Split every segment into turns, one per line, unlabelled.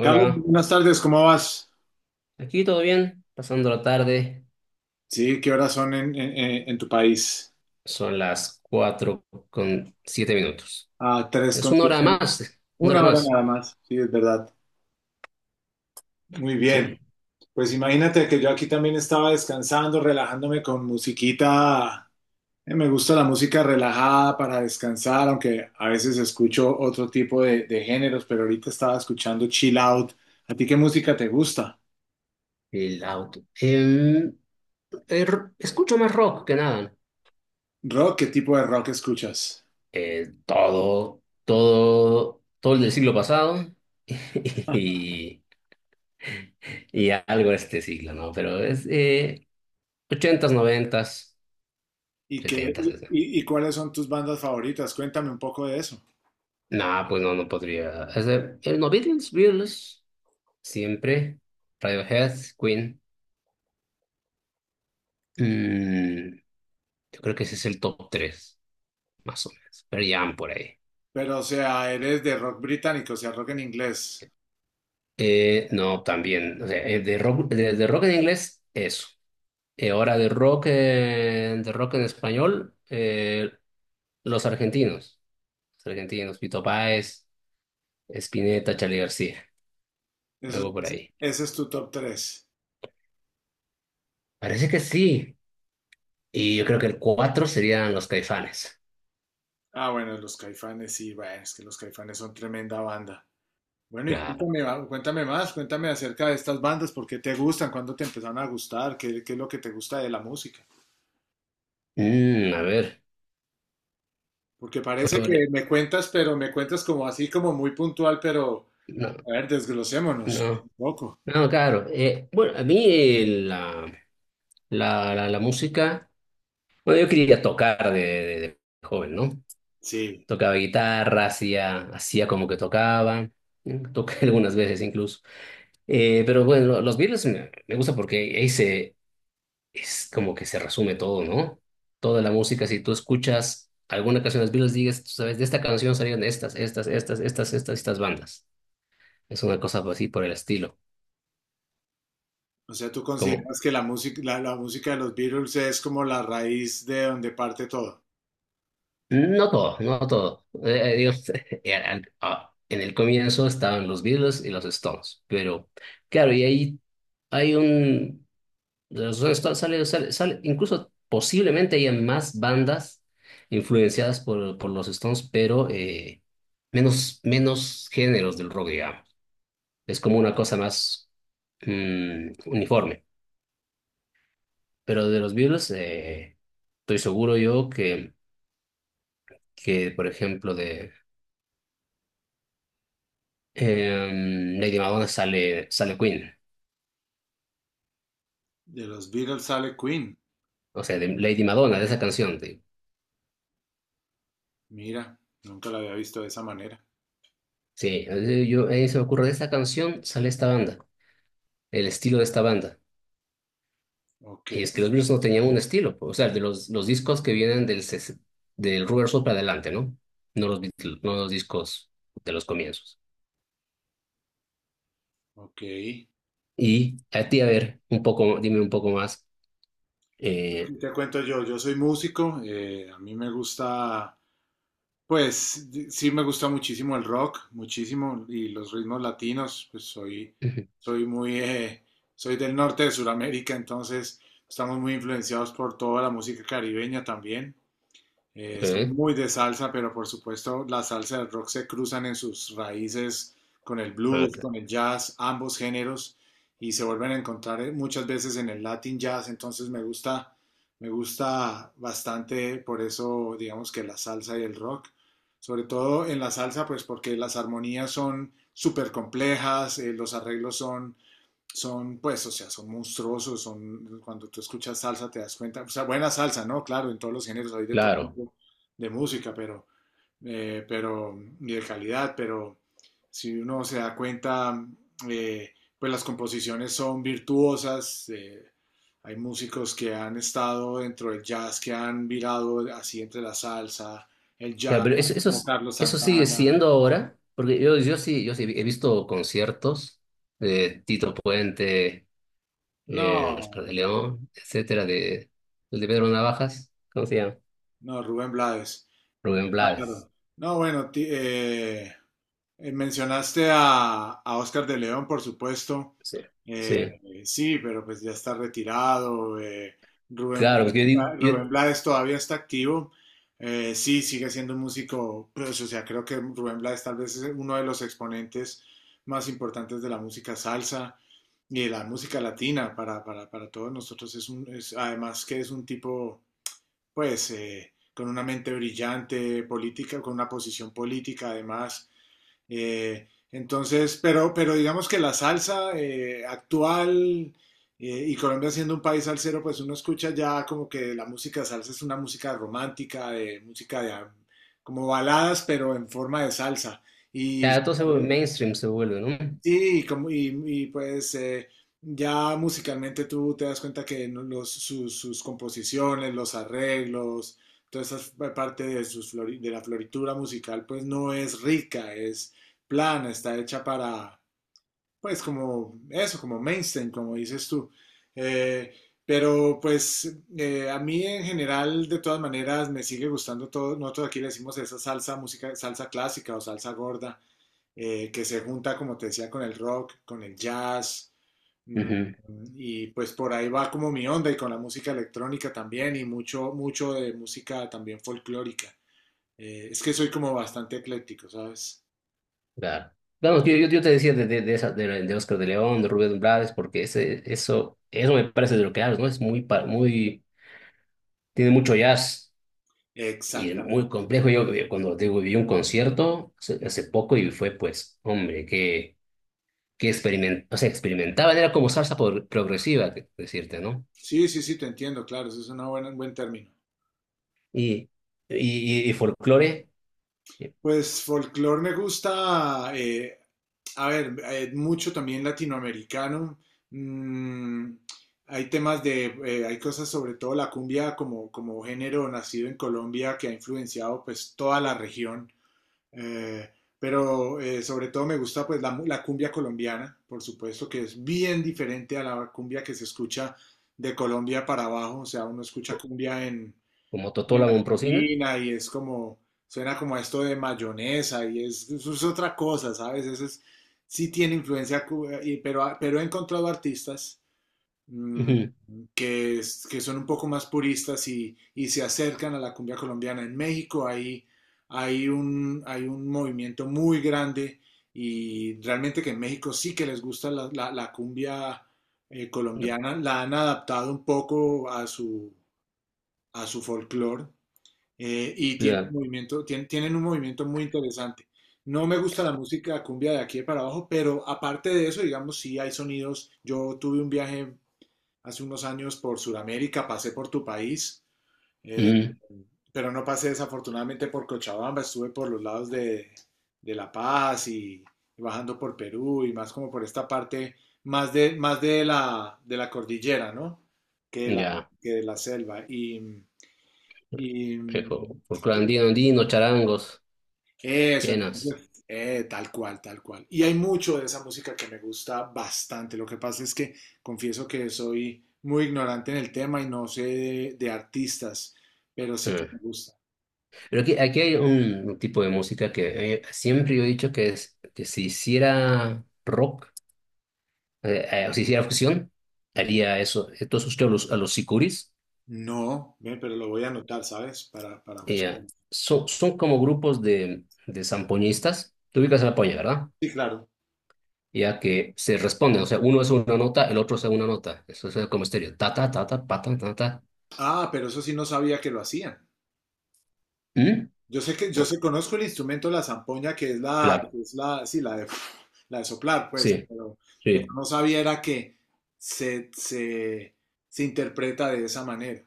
Carlos, buenas tardes, ¿cómo vas?
aquí todo bien, pasando la tarde,
Sí, ¿qué horas son en tu país?
son las cuatro con siete minutos.
Ah, tres
Es
con siete,
una hora
una hora
más,
nada más, sí, es verdad. Muy bien,
sí,
pues imagínate que yo aquí también estaba descansando, relajándome con musiquita. Me gusta la música relajada para descansar, aunque a veces escucho otro tipo de géneros, pero ahorita estaba escuchando chill out. ¿A ti qué música te gusta?
el auto. Escucho más rock que nada.
¿Rock? ¿Qué tipo de rock escuchas?
Todo, todo, todo el del siglo pasado y, y algo de este siglo, ¿no? Pero es 80s, 90s.
¿Y, qué, y
es-
y- y cuáles son tus bandas favoritas? Cuéntame un poco de eso.
no, pues no, no podría. ¿No, Beatles? Beatles siempre. Radiohead, Queen. Mm, yo creo que ese es el top tres, más o menos. Pero ya por ahí.
Pero, o sea, eres de rock británico, o sea, rock en inglés.
No, también. O sea, de rock, de rock en inglés, eso. Ahora de rock en español, los argentinos. Los argentinos, Pito Páez, Spinetta, Charly García.
Eso,
Algo por
ese
ahí.
ese es tu top 3.
Parece que sí. Y yo creo que el 4 serían los Caifanes.
Ah, bueno, los Caifanes, sí, bueno, es que los Caifanes son tremenda banda. Bueno, y
Claro.
cuéntame, cuéntame más, cuéntame acerca de estas bandas, por qué te gustan, cuándo te empezaron a gustar, qué es lo que te gusta de la música.
A ver.
Porque parece
Bueno,
que me cuentas, pero me cuentas como así, como muy puntual, pero
no,
a ver, desglosémonos un
no.
poco.
No, claro. Bueno, a mí la música, bueno, yo quería tocar de joven, ¿no?
Sí,
Tocaba guitarra, hacía, hacía como que tocaba, ¿eh? Toqué algunas veces incluso. Pero bueno, los Beatles me gusta porque es como que se resume todo, ¿no? Toda la música, si tú escuchas alguna canción de los Beatles, digas, tú sabes, de esta canción salieron estas, estas, estas, estas, estas, estas bandas. Es una cosa así por el estilo.
o sea, tú
Como,
consideras que la música, la música de los Beatles es como la raíz de donde parte todo.
No todo, no todo. Digo, ah, en el comienzo estaban los Beatles y los Stones, pero claro. Y ahí hay un... De Los Stones sale incluso posiblemente haya más bandas influenciadas por los Stones, pero menos, menos géneros del rock, digamos. Es como una cosa más uniforme. Pero de los Beatles, estoy seguro yo que, por ejemplo, de... Lady Madonna sale Queen.
De los Beatles sale Queen.
O sea, de Lady Madonna, de esa canción, te digo.
Mira, nunca la había visto de esa manera.
Sí, a mí se me ocurre, de esta canción sale esta banda, el estilo de esta banda.
Ok,
Y es que los Beatles no tenían un estilo, pues, o sea, de los discos que vienen del Rubber Soul para adelante, ¿no? No los discos de los comienzos.
ok. ¿Qué
Y a ti, a ver, un poco, dime un poco más. Eh,
Te cuento yo, soy músico, a mí me gusta, pues sí me gusta muchísimo el rock, muchísimo, y los ritmos latinos, pues
Ujú.
soy muy, eh, soy del norte de Sudamérica, entonces estamos muy influenciados por toda la música caribeña también. Soy
¿Eh?
muy de salsa, pero por supuesto la salsa y el rock se cruzan en sus raíces con el
Ah,
blues, con el jazz, ambos géneros, y se vuelven a encontrar muchas veces en el Latin jazz, entonces me gusta bastante por eso, digamos que la salsa y el rock, sobre todo en la salsa, pues porque las armonías son súper complejas, los arreglos son, pues, o sea, son monstruosos, son, cuando tú escuchas salsa te das cuenta, o sea, buena salsa, ¿no? Claro, en todos los géneros hay de todo
claro.
tipo de música, pero, y de calidad, pero si uno se da cuenta, eh, pues las composiciones son virtuosas, hay músicos que han estado dentro del jazz, que han virado así entre la salsa, el
Ya,
jazz,
pero eso, eso,
como
es-
Carlos
eso sigue
Santana.
siendo ahora, porque yo sí, yo sí he visto conciertos de Tito Puente,
No,
Oscar de León, etcétera, de, el de Pedro Navajas, ¿cómo se llama?
no, Rubén Blades. No,
Rubén Blades.
claro. No, bueno, mencionaste a Oscar de León, por supuesto.
Sí,
Eh,
sí.
sí, pero pues ya está retirado. Rubén
Claro, porque
Blades, Rubén Blades todavía está activo. Sí, sigue siendo un músico, pues, o sea, creo que Rubén Blades tal vez es uno de los exponentes más importantes de la música salsa y de la música latina para todos nosotros. Es un, es, además que es un tipo pues con una mente brillante política, con una posición política además. Entonces, pero digamos que la salsa actual y Colombia siendo un país salsero, pues uno escucha ya como que la música salsa es una música romántica, de música de como baladas, pero en forma de salsa. Y
ya todo se vuelve mainstream, se vuelve, ¿no?
sí, y como, pues ya musicalmente tú te das cuenta que los, sus composiciones, los arreglos, toda esa parte de la floritura musical, pues no es rica, es plana, está hecha para, pues como eso, como mainstream, como dices tú. Eh, pero pues a mí en general, de todas maneras, me sigue gustando todo. Nosotros aquí le decimos esa salsa música, salsa clásica o salsa gorda que se junta, como te decía, con el rock, con el jazz, mm,
Ujú,
y pues por ahí va como mi onda y con la música electrónica también y mucho, mucho de música también folclórica. Es que soy como bastante ecléctico, ¿sabes?
claro. Vamos, yo te decía de Oscar de León, de Rubén Blades, porque eso me parece de lo que hablas, ¿no? Es muy, muy, tiene mucho jazz. Y es
Exactamente.
muy complejo, cuando te digo, vi un concierto hace poco y fue, pues, hombre, o sea, experimentaban, era como salsa progresiva, decirte, ¿no?
Sí, sí, sí, te entiendo, claro, eso es una un buen término.
Y, y folclore, eh,
Pues folclore me gusta, a ver, mucho también latinoamericano. Mm, Hay temas hay cosas sobre todo la cumbia como género nacido en Colombia que ha influenciado pues toda la región. Eh, pero sobre todo me gusta pues la cumbia colombiana, por supuesto, que es bien diferente a la cumbia que se escucha de Colombia para abajo. O sea, uno escucha cumbia
como Totola
en
Momprosina.
Argentina y es como, suena como a esto de mayonesa eso es otra cosa, ¿sabes? Eso es, sí tiene influencia, pero he encontrado artistas mm,
Ujú.
que son un poco más puristas y se acercan a la cumbia colombiana. En México hay un movimiento muy grande y realmente que en México sí que les gusta la cumbia
No,
colombiana, la han adaptado un poco a su folclore y tienen
ya,
movimiento, tienen un movimiento muy interesante. No me gusta la música cumbia de aquí de para abajo, pero aparte de eso, digamos, sí hay sonidos. Yo tuve un viaje hace unos años por Sudamérica, pasé por tu país, eh,
ujú,
pero no pasé desafortunadamente por Cochabamba, estuve por los lados de La Paz y bajando por Perú y más como por esta parte más de la cordillera, ¿no? Que de la,
ya,
que de la selva. Y
folclore andino, andino, charangos,
Eso,
quenas.
entonces, tal cual, tal cual. Y hay mucho de esa música que me gusta bastante. Lo que pasa es que confieso que soy muy ignorante en el tema y no sé de artistas, pero sí que me
Ah.
gusta.
Pero aquí hay un tipo de música que, siempre yo he dicho que, que se hiciera rock. Si hiciera fusión, haría eso. Entonces usted a los sicuris,
No, ve, pero lo voy a anotar, ¿sabes? Para
eh,
buscarlo.
son como grupos de zampoñistas. Tú ubicas a la poña, ¿verdad?
Sí, claro.
Ya que se responden, o sea, uno es una nota, el otro es una nota. Eso es como estéreo. Ta, ta, ta, ta, pa, ta, ta, ta.
Ah, pero eso sí no sabía que lo hacían.
¿Mm?
Yo
Ah,
sé, conozco el instrumento, la zampoña, que es la,
claro,
que es la, sí, la de, la de soplar, pues,
sí,
pero
sí.
no sabía era que se, se, se interpreta de esa manera.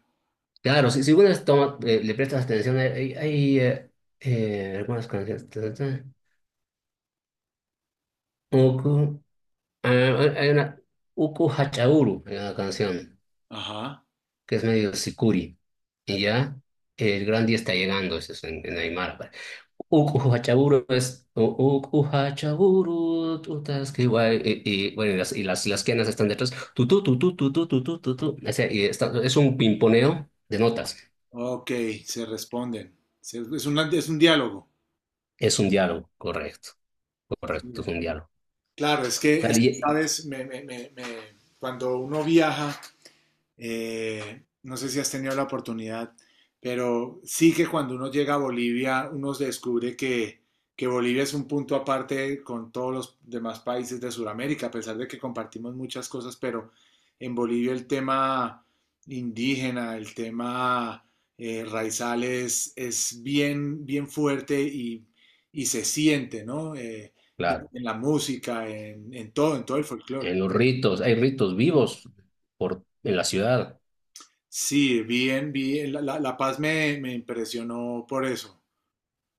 Claro, si uno le prestas atención, hay algunas canciones. Ta, ta, ta. Uku, ah, hay una, Uku Hachauru, hay una canción.
Ajá.
Que es medio sicuri, y ya el gran día está llegando, eso es en Aymara. Uk Ujachaburu, tutas que guay, bueno, las quenas están detrás, tu tu tu tu tu tu tu tu tu, tu. O sea, es un pimponeo de notas,
Ok, se responden. Es un diálogo.
es un diálogo, correcto, correcto, es
Mira.
un diálogo.
Claro, es que, es
Dale,
que, sabes, cuando uno viaja, no sé si has tenido la oportunidad, pero sí que cuando uno llega a Bolivia, uno descubre que Bolivia es un punto aparte con todos los demás países de Sudamérica, a pesar de que compartimos muchas cosas, pero en Bolivia el tema indígena, el tema raizales es bien, bien fuerte y se siente, ¿no? Y
claro,
en la música, en todo el folclore.
en los ritos, hay ritos vivos en la ciudad.
Sí, bien, bien. La Paz me impresionó por eso.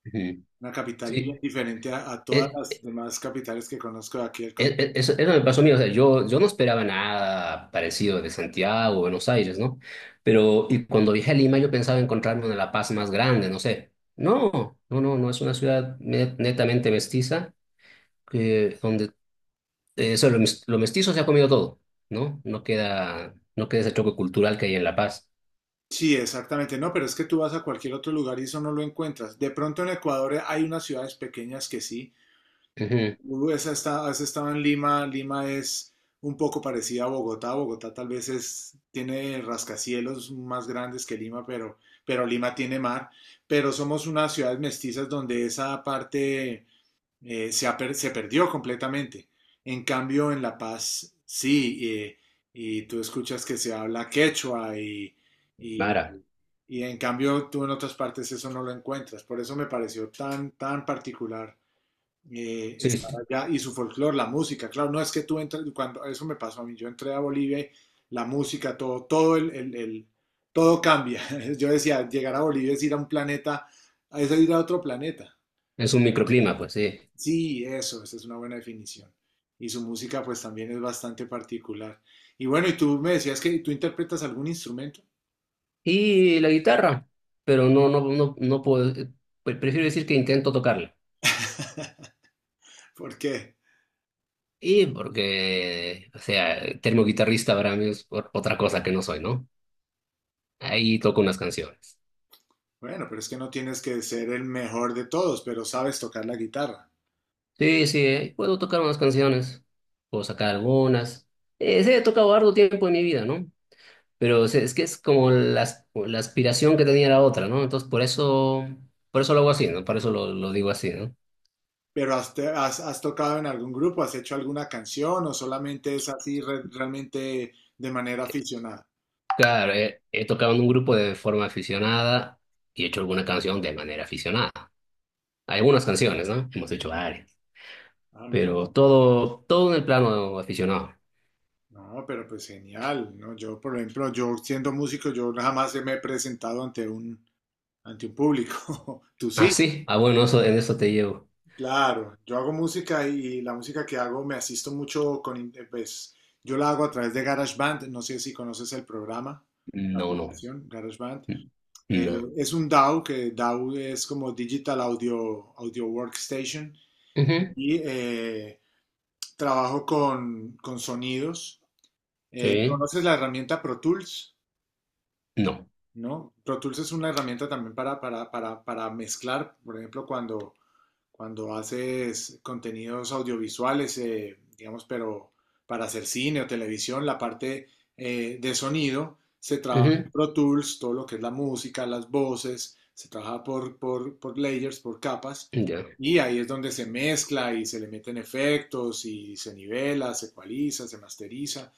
Ujú.
Una capital bien
Sí,
diferente a todas
eh,
las demás capitales que conozco de aquí del continente.
eso, eso me pasó a mí, o sea, yo no esperaba nada parecido de Santiago o Buenos Aires, ¿no? Pero y cuando viajé a Lima yo pensaba encontrarme una La Paz más grande, no sé. No, no, no, no es una ciudad netamente mestiza, donde lo mestizo se ha comido todo, ¿no? No queda, no queda ese choque cultural que hay en La Paz.
Sí, exactamente. No, pero es que tú vas a cualquier otro lugar y eso no lo encuentras. De pronto en Ecuador hay unas ciudades pequeñas que sí.
Ujú,
Tú has has estado en Lima. Lima es un poco parecida a Bogotá. Bogotá tal vez tiene rascacielos más grandes que Lima, pero Lima tiene mar. Pero somos unas ciudades mestizas donde esa parte se perdió completamente. En cambio, en La Paz, sí, y tú escuchas que se habla quechua y-
Mara,
y en cambio tú en otras partes eso no lo encuentras. Por eso me pareció tan, tan particular
sí,
estar
sí,
allá y su folclore, la música. Claro, no es que tú entres, cuando eso me pasó a mí, yo entré a Bolivia y la música, todo, todo todo cambia. Yo decía, llegar a Bolivia es ir a un planeta, es ir a otro planeta.
es un microclima, pues sí.
Sí, eso, esa es una buena definición. Y su música pues también es bastante particular. Y bueno, y tú me decías que tú interpretas algún instrumento.
Y la guitarra, pero no, no, no, no puedo, prefiero decir que intento tocarla.
¿Por qué?
Y porque, o sea, termo guitarrista para mí es otra cosa que no soy, ¿no? Ahí toco unas canciones.
Bueno, pero es que no tienes que ser el mejor de todos, pero sabes tocar la guitarra.
Sí, sí, puedo tocar unas canciones, puedo sacar algunas. Sí, he tocado harto tiempo en mi vida, ¿no? Pero o sea, es que es como la aspiración que tenía la otra, ¿no? Entonces, por eso lo hago así, ¿no? Por eso lo digo así, ¿no?
¿Pero has tocado en algún grupo? ¿Has hecho alguna canción o solamente es así realmente de manera aficionada?
Claro, he tocado en un grupo de forma aficionada y he hecho alguna canción de manera aficionada. Algunas canciones, ¿no? Hemos hecho varias.
Ah, mira.
Pero todo, todo en el plano aficionado.
No, pero pues genial, ¿no? Yo, por ejemplo, yo siendo músico, yo jamás me he presentado ante un público. ¿Tú
Ah,
sí?
sí. Ah, bueno, eso, en eso te llevo.
Claro, yo hago música y la música que hago me asisto mucho pues yo la hago a través de GarageBand, no sé si conoces el programa, la
No, no.
aplicación GarageBand.
No.
Es un DAW, que DAW es como Digital Audio, Audio Workstation
Ujú.
y trabajo con sonidos.
Sí.
¿Conoces la herramienta Pro Tools?
No.
¿No? Pro Tools es una herramienta también para mezclar, por ejemplo, cuando haces contenidos audiovisuales, digamos, pero para hacer cine o televisión, la parte de sonido se trabaja en
Ujú.
Pro Tools, todo lo que es la música, las voces, se trabaja por layers, por capas,
Ya.
y ahí es donde se mezcla y se le meten efectos y se nivela, se ecualiza, se masteriza.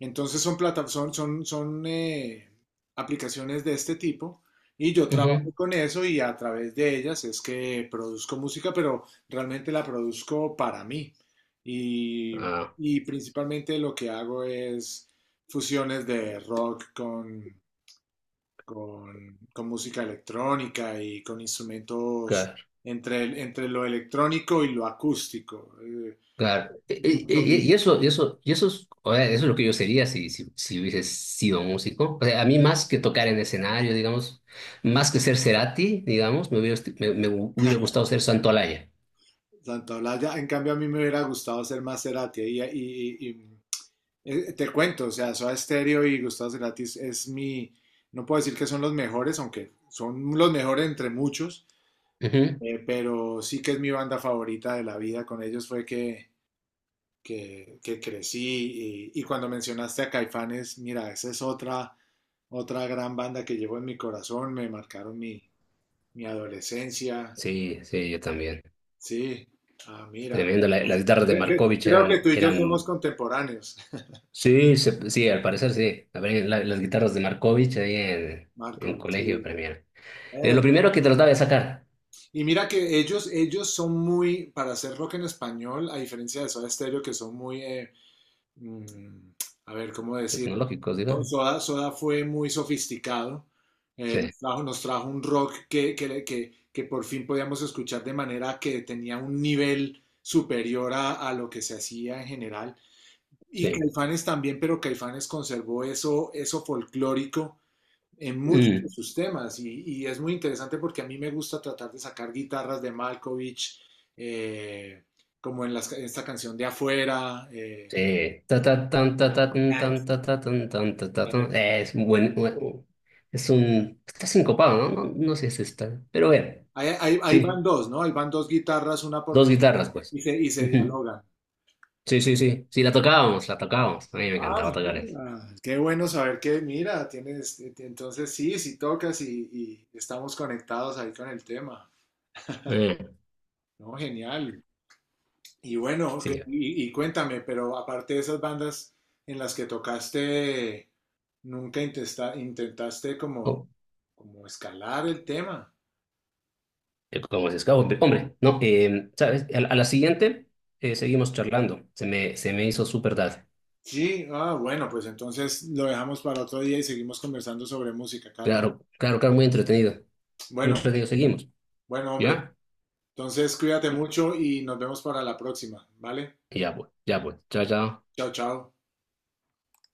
Entonces son plata- son, son, son aplicaciones de este tipo y yo trabajo
Ujú.
con eso y a través de ellas es que produzco música, pero realmente la produzco para mí. Y,
Ah,
y principalmente lo que hago es fusiones de rock con música electrónica y con instrumentos
claro.
entre lo electrónico y lo acústico.
Claro.
Mucho beat.
Y eso es, o sea, eso es lo que yo sería si hubiese sido músico. O sea, a mí más que tocar en escenario, digamos, más que ser Cerati, digamos, me hubiera gustado ser Santolaya.
Santa En cambio a mí me hubiera gustado ser más Cerati te cuento, o sea, Soda Stereo y Gustavo Cerati no puedo decir que son los mejores, aunque son los mejores entre muchos,
Ujú.
pero sí que es mi banda favorita de la vida, con ellos fue que crecí y cuando mencionaste a Caifanes, mira, esa es otra gran banda que llevo en mi corazón, me marcaron mi adolescencia.
Sí, sí, yo también.
Sí, ah, mira.
Tremendo. Las guitarras de
Creo que,
Markovich
creo que
eran,
tú y yo somos
eran
contemporáneos,
Sí, sí, al parecer sí. A ver, las guitarras de Markovich ahí en
Marco.
colegio
Sí.
premier. Lo
Eh,
primero que trataba de sacar,
Y mira que ellos son muy, para hacer rock en español, a diferencia de Soda Stereo, que son muy, mm, a ver, ¿cómo decirlo?
tecnológicos,
So-
digamos.
Soda, Soda fue muy sofisticado.
Sí,
Nos trajo, un rock que por fin podíamos escuchar de manera que tenía un nivel superior a lo que se hacía en general. Y
sí.
Caifanes también, pero Caifanes conservó eso folclórico en muchos de
Mm,
sus temas y es muy interesante porque a mí me gusta tratar de sacar guitarras de Malkovich, eh, como en esta canción de Afuera.
sí. Ta, ta, tan, tan, ta, ta, tan, tan, ta, ta, tan. Es un buen- está sincopado, ¿no? No, no sé si está, pero bueno,
Ahí van
sí,
dos, ¿no? Ahí van dos guitarras, una por
dos
debajo
guitarras, pues.
y se
Ujú.
dialogan.
Sí, sí, sí, sí, la tocábamos, la tocábamos. A mí me
Ah,
encantaba tocar eso.
mira, qué bueno saber que, mira, tienes, entonces sí, sí tocas y estamos conectados ahí con el tema,
Eh,
¿no? Genial. Y bueno, ok,
sí.
y cuéntame, pero aparte de esas bandas en las que tocaste, nunca intentaste como,
Oh.
como escalar el tema.
Como se escapa, hombre, no, ¿sabes? A la siguiente, seguimos charlando. Se me hizo súper tarde.
Sí, ah, bueno, pues entonces lo dejamos para otro día y seguimos conversando sobre música, Carlos.
Claro, claro, claro, muy entretenido. Muy
Bueno,
entretenido, seguimos.
bueno, hombre,
¿Ya?
entonces cuídate mucho y nos vemos para la próxima, ¿vale?
Ya pues, ya pues. Chao, chao.
Chao, chao.